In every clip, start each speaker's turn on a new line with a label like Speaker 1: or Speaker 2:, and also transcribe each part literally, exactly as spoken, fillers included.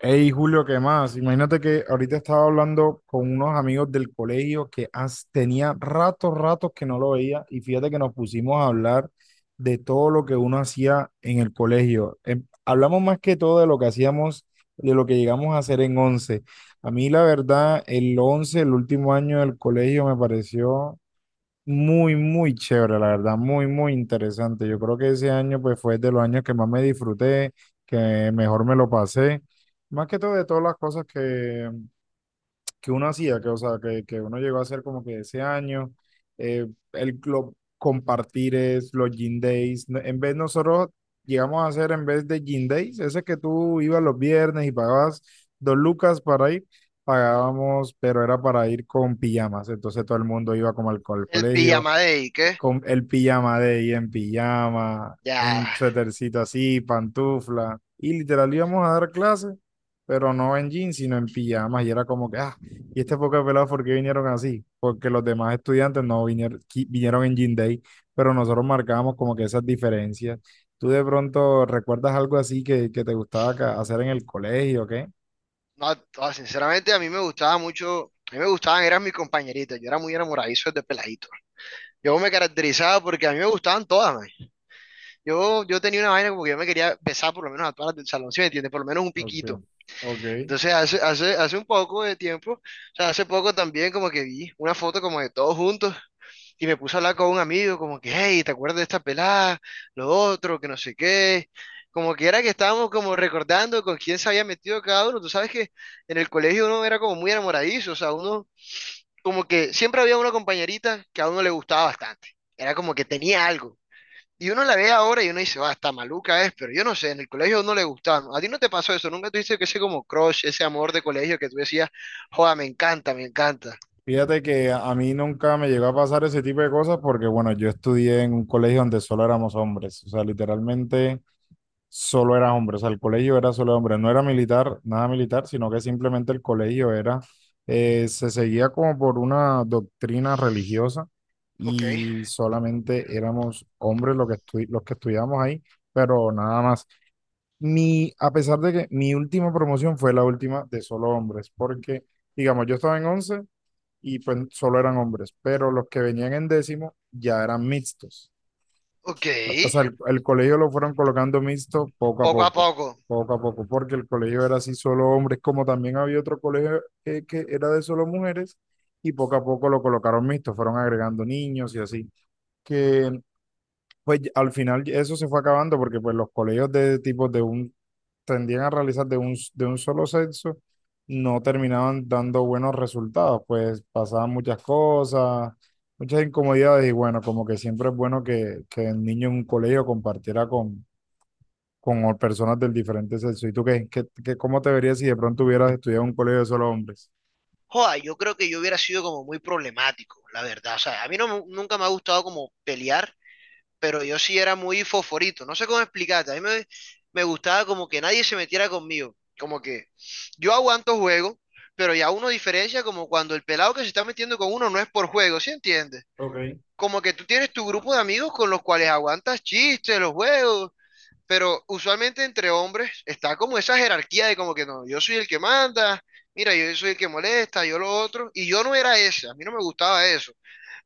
Speaker 1: Hey Julio, ¿qué más? Imagínate que ahorita estaba hablando con unos amigos del colegio que as- tenía ratos, ratos que no lo veía y fíjate que nos pusimos a hablar de todo lo que uno hacía en el colegio. Em, hablamos más que todo de lo que hacíamos, de lo que llegamos a hacer en once. A mí la verdad, el once, el último año del colegio me pareció muy, muy chévere, la verdad, muy, muy interesante. Yo creo que ese año pues fue de los años que más me disfruté, que mejor me lo pasé. Más que todo de todas las cosas que, que uno hacía, que, o sea, que, que uno llegó a hacer como que ese año, eh, el club compartir es los gym days. No- En vez nosotros llegamos a hacer en vez de gym days, ese que tú ibas los viernes y pagabas dos lucas para ir, pagábamos, pero era para ir con pijamas. Entonces todo el mundo iba como al, co- al
Speaker 2: El
Speaker 1: colegio,
Speaker 2: pijama de Ike,
Speaker 1: con el pijama de ella en pijama,
Speaker 2: ya,
Speaker 1: en suétercito así, pantufla, y literal íbamos a dar clases pero no en jeans, sino en pijamas, y era como que, ah, y este poco de pelados, ¿por qué vinieron así? Porque los demás estudiantes no vinieron, qui- vinieron en jean day, pero nosotros marcábamos como que esas diferencias. ¿Tú de pronto recuerdas algo así que, que te gustaba ca- hacer en el colegio, qué?
Speaker 2: no, no, sinceramente a mí me gustaba mucho, a mí me gustaban, eran mis compañeritas, yo era muy enamoradizo de peladito. Yo me caracterizaba porque a mí me gustaban todas, man. Yo, yo tenía una vaina como que yo me quería besar por lo menos a todas las del salón, ¿sí me entiendes? Por lo menos un
Speaker 1: Ok,
Speaker 2: piquito.
Speaker 1: ok.
Speaker 2: Entonces hace, hace, hace un poco de tiempo, o sea, hace poco también como que vi una foto como de todos juntos. Y me puse a hablar con un amigo, como que, hey, ¿te acuerdas de esta pelada? Lo otro, que no sé qué. Como que era que estábamos como recordando con quién se había metido cada uno. Tú sabes que en el colegio uno era como muy enamoradizo, o sea, uno como que siempre había una compañerita que a uno le gustaba bastante. Era como que tenía algo. Y uno la ve ahora y uno dice, va, está maluca es, pero yo no sé, en el colegio a uno le gustaba, ¿no? ¿A ti no te pasó eso? ¿Nunca tuviste que ese como crush, ese amor de colegio que tú decías, joda, me encanta, me encanta?
Speaker 1: Fíjate que a a mí nunca me llegó a pasar ese tipo de cosas porque, bueno, yo estudié en un colegio donde solo éramos hombres, o sea, literalmente solo era hombres, o sea, el colegio era solo de hombres, no era militar, nada militar, sino que simplemente el colegio era, eh, se seguía como por una doctrina religiosa
Speaker 2: Ok,
Speaker 1: y solamente éramos hombres los que, estu- los que estudiábamos ahí, pero nada más. Mi, a pesar de que mi última promoción fue la última de solo hombres, porque, digamos, yo estaba en once y pues solo eran hombres, pero los que venían en décimo ya eran mixtos.
Speaker 2: ok,
Speaker 1: O sea, el, el colegio lo fueron colocando mixto poco a
Speaker 2: poco a
Speaker 1: poco,
Speaker 2: poco.
Speaker 1: poco a poco, porque el colegio era así solo hombres, como también había otro colegio que, que era de solo mujeres, y poco a poco lo colocaron mixto, fueron agregando niños y así, que pues al final eso se fue acabando porque pues los colegios de tipos de un tendían a realizar de un, de un solo sexo, no terminaban dando buenos resultados, pues pasaban muchas cosas, muchas incomodidades y bueno, como que siempre es bueno que, que el niño en un colegio compartiera con, con o- personas del diferente sexo. ¿Y tú qué, qué, qué- cómo te verías si de pronto hubieras estudiado en un colegio de solo hombres?
Speaker 2: Joda, yo creo que yo hubiera sido como muy problemático, la verdad. O sea, a mí no, me- nunca me ha gustado como pelear, pero yo sí era muy fosforito. No sé cómo explicarte. A mí me, me gustaba como que nadie se metiera conmigo. Como que yo aguanto juego, pero ya uno diferencia como cuando el pelado que se está metiendo con uno no es por juego, ¿sí entiendes?
Speaker 1: Ok,
Speaker 2: Como que tú tienes tu grupo de amigos con los cuales aguantas chistes, los juegos, pero usualmente entre hombres está como esa jerarquía de como que no, yo soy el que manda, mira, yo soy el que molesta, yo lo otro, y yo no era ese, a mí no me gustaba eso,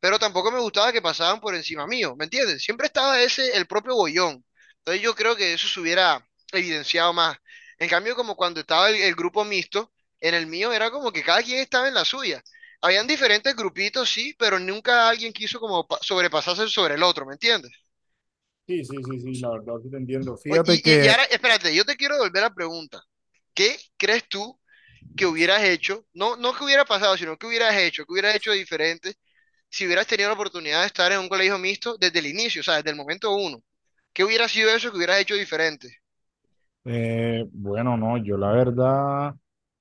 Speaker 2: pero tampoco me gustaba que pasaban por encima mío, ¿me entiendes? Siempre estaba ese, el propio bollón. Entonces yo creo que eso se hubiera evidenciado más. En cambio, como cuando estaba el, el grupo mixto, en el mío era como que cada quien estaba en la suya. Habían diferentes grupitos, sí, pero nunca alguien quiso como pa- sobrepasarse sobre el otro, ¿me entiendes?
Speaker 1: sí, sí, sí, sí, la verdad sí te entiendo.
Speaker 2: O-
Speaker 1: Fíjate
Speaker 2: Y, y, y
Speaker 1: que
Speaker 2: ahora, espérate, yo te quiero devolver la pregunta. ¿Qué crees tú que hubieras hecho? No, no que hubiera pasado, sino que hubieras hecho, que hubieras hecho de diferente si hubieras tenido la oportunidad de estar en un colegio mixto desde el inicio, o sea, desde el momento uno. ¿Qué hubiera sido eso que hubieras hecho diferente?
Speaker 1: Eh, bueno, no, yo la verdad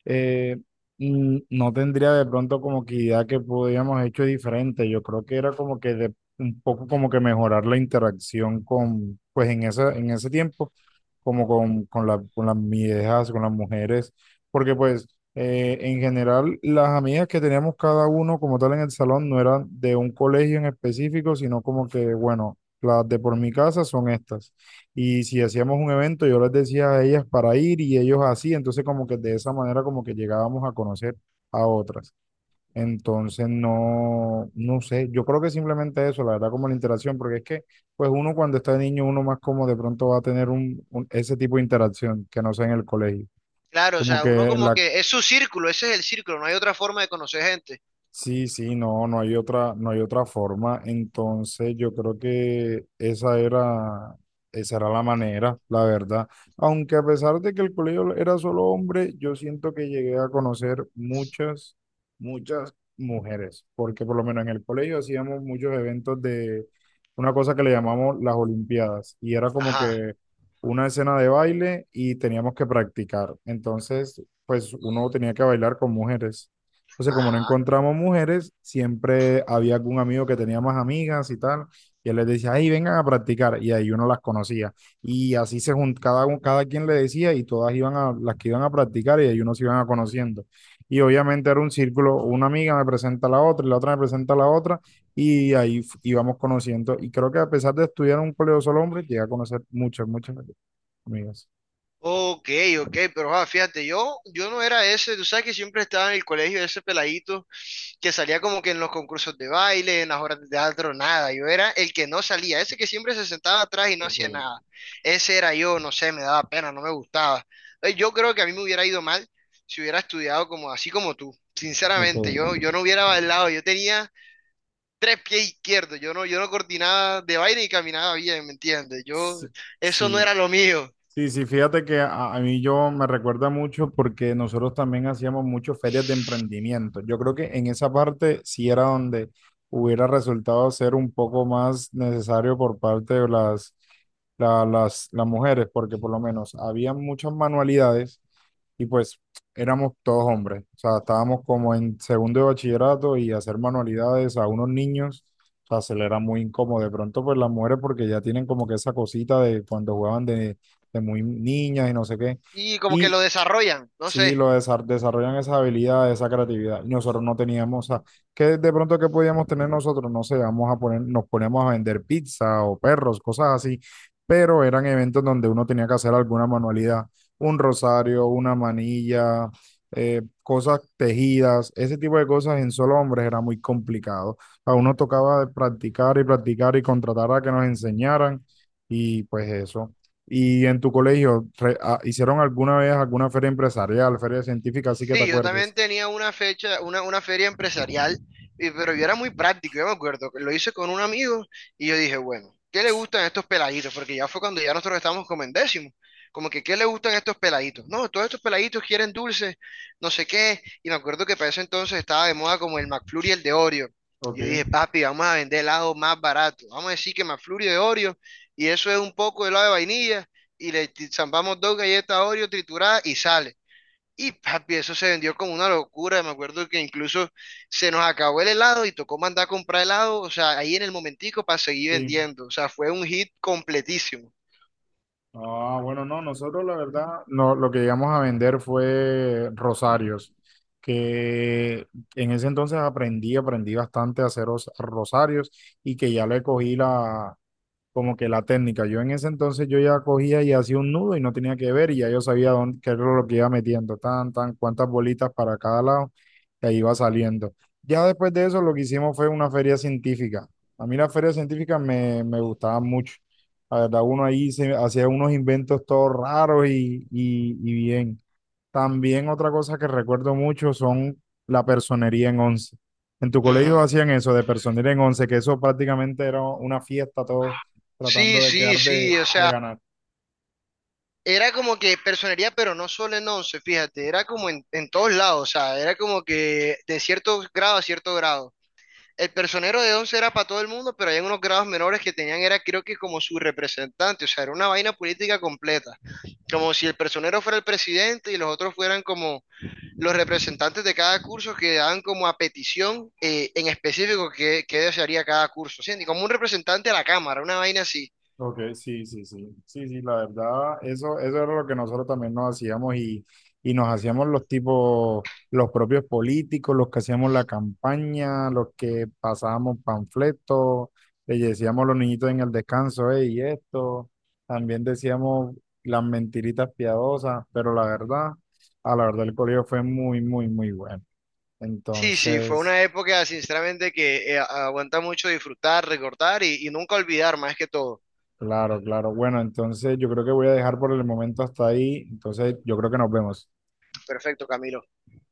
Speaker 1: eh, mm, no tendría de pronto como que idea que podíamos hecho diferente. Yo creo que era como que de, un poco como que mejorar la interacción con, pues en ese, en ese tiempo, como con, con la, con las viejas, con las mujeres, porque pues eh, en general las amigas que teníamos cada uno como tal en el salón no eran de un colegio en específico, sino como que, bueno, las de por mi casa son estas. Y si hacíamos un evento, yo les decía a ellas para ir y ellos así, entonces como que de esa manera como que llegábamos a conocer a otras. Entonces no, no sé, yo creo que simplemente eso, la verdad, como la interacción, porque es que pues uno cuando está niño, uno más como de pronto va a tener un, un- ese tipo de interacción que no sea en el colegio.
Speaker 2: Claro, o
Speaker 1: Como
Speaker 2: sea, uno
Speaker 1: que en
Speaker 2: como
Speaker 1: la
Speaker 2: que es su círculo, ese es el círculo, no hay otra forma de conocer gente.
Speaker 1: Sí, sí, no, no hay otra, no hay otra forma. Entonces, yo creo que esa era, esa era la manera, la verdad. Aunque a pesar de que el colegio era solo hombre, yo siento que llegué a conocer muchas, muchas mujeres, porque por lo menos en el colegio hacíamos muchos eventos de una cosa que le llamamos las Olimpiadas, y era como
Speaker 2: Ajá,
Speaker 1: que una escena de baile y teníamos que practicar. Entonces, pues uno tenía que bailar con mujeres. Entonces, como no
Speaker 2: ajá.
Speaker 1: encontramos mujeres, siempre había algún amigo que tenía más amigas y tal, y él les decía, ay, vengan a practicar, y ahí uno las conocía. Y así se juntaba, cada, cada quien le decía, y todas iban a, las que iban a practicar, y ahí uno se iban a conociendo. Y obviamente era un círculo, una amiga me presenta a la otra, y la otra me presenta a la otra, y ahí f- íbamos conociendo. Y creo que a pesar de estudiar en un colegio solo hombre, llegué a conocer muchas, muchas amigas.
Speaker 2: Ok, ok, pero ah, fíjate, yo, yo no era ese, tú sabes que siempre estaba en el colegio ese peladito que salía como que en los concursos de baile, en las horas de teatro, nada. Yo era el que no salía, ese que siempre se sentaba atrás y no
Speaker 1: Ok.
Speaker 2: hacía nada. Ese era yo, no sé, me daba pena, no me gustaba. Eh, Yo creo que a mí me hubiera ido mal si hubiera estudiado como así como tú. Sinceramente,
Speaker 1: Ok.
Speaker 2: yo, yo no hubiera bailado, yo tenía tres pies izquierdos, yo no, yo no coordinaba de baile y caminaba bien, ¿me entiendes? Yo,
Speaker 1: Sí,
Speaker 2: eso no
Speaker 1: sí,
Speaker 2: era lo mío.
Speaker 1: sí, sí, fíjate que a, a mí yo me recuerda mucho porque nosotros también hacíamos muchas ferias de emprendimiento. Yo creo que en esa parte sí era donde hubiera resultado ser un poco más necesario por parte de las, la- las, las mujeres, porque por lo menos había muchas manualidades y pues éramos todos hombres, o sea, estábamos como en segundo de bachillerato y hacer manualidades a unos niños, o sea, se le era muy incómodo. De pronto, pues las mujeres, porque ya tienen como que esa cosita de cuando jugaban de, de muy niñas y no sé qué.
Speaker 2: Y como que
Speaker 1: Y
Speaker 2: lo desarrollan, no
Speaker 1: Sí,
Speaker 2: sé.
Speaker 1: lo desa- desarrollan esa habilidad, esa creatividad. Y nosotros no teníamos, o sea, ¿qué de pronto qué podíamos tener nosotros? No sé, vamos a poner, nos ponemos a vender pizza o perros, cosas así, pero eran eventos donde uno tenía que hacer alguna manualidad, un rosario, una manilla, eh, cosas tejidas, ese tipo de cosas en solo hombres era muy complicado. A uno tocaba de practicar y practicar y contratar a que nos enseñaran y pues eso. Y en tu colegio, re- ah, ¿hicieron alguna vez alguna feria empresarial, feria científica, así que te
Speaker 2: Sí, yo también
Speaker 1: acuerdes?
Speaker 2: tenía una fecha, una, una feria empresarial, y- pero yo era muy práctico, yo me acuerdo, que lo hice con un amigo y yo dije, bueno, ¿qué le gustan estos peladitos? Porque ya fue cuando ya nosotros estábamos como en décimo, como que ¿qué le gustan estos peladitos? No, todos estos peladitos quieren dulces, no sé qué, y me acuerdo que para ese entonces estaba de moda como el McFlurry y el de Oreo.
Speaker 1: Ok,
Speaker 2: Y yo dije, papi, vamos a vender helado más barato, vamos a decir que McFlurry de Oreo, y eso es un poco de helado de vainilla, y le t- zampamos dos galletas Oreo trituradas y sale. Y papi, eso se vendió como una locura. Me acuerdo que incluso se nos acabó el helado y tocó mandar a comprar helado, o sea, ahí en el momentico para seguir
Speaker 1: sí.
Speaker 2: vendiendo. O sea, fue un hit completísimo.
Speaker 1: Ah, bueno, no, nosotros la verdad, no, lo que llegamos a vender fue rosarios, que en ese entonces aprendí, aprendí bastante a hacer os- rosarios y que ya le cogí la, como que la técnica. Yo en ese entonces yo ya cogía y hacía un nudo y no tenía que ver y ya yo sabía dónde, qué era lo que iba metiendo, tan, tan, cuántas bolitas para cada lado y ahí iba saliendo. Ya después de eso lo que hicimos fue una feria científica. A mí las ferias científicas me, me gustaban mucho. La verdad, uno ahí se hacía unos inventos todos raros y, y, y bien. También otra cosa que recuerdo mucho son la personería en once. En tu colegio
Speaker 2: Ujú.
Speaker 1: hacían eso de personería en once, que eso prácticamente era una fiesta, todos
Speaker 2: Sí,
Speaker 1: tratando de
Speaker 2: sí,
Speaker 1: quedar
Speaker 2: sí,
Speaker 1: de,
Speaker 2: o
Speaker 1: de
Speaker 2: sea,
Speaker 1: ganar.
Speaker 2: era como que personería, pero no solo en once, fíjate, era como en, en todos lados, o sea, era como que de cierto grado a cierto grado. El personero de once era para todo el mundo, pero hay unos grados menores que tenían, era creo que como su representante, o sea, era una vaina política completa, como si el personero fuera el presidente y los otros fueran como los representantes de cada curso que daban como a petición eh, en específico qué, qué desearía cada curso, ¿sí? Y como un representante a la Cámara, una vaina así.
Speaker 1: Ok, sí, sí, sí, sí, sí, la verdad, eso, eso era lo que nosotros también nos hacíamos y, y nos hacíamos los tipos, los propios políticos, los que hacíamos la campaña, los que pasábamos panfletos, le decíamos a los niñitos en el descanso, y esto, también decíamos las mentiritas piadosas, pero la verdad, a la verdad el colegio fue muy, muy, muy bueno.
Speaker 2: Sí, sí, fue
Speaker 1: Entonces...
Speaker 2: una época sinceramente que eh, aguanta mucho disfrutar, recordar y, y nunca olvidar más que todo.
Speaker 1: Claro, claro. Bueno, entonces yo creo que voy a dejar por el momento hasta ahí. Entonces yo creo que nos vemos.
Speaker 2: Perfecto, Camilo.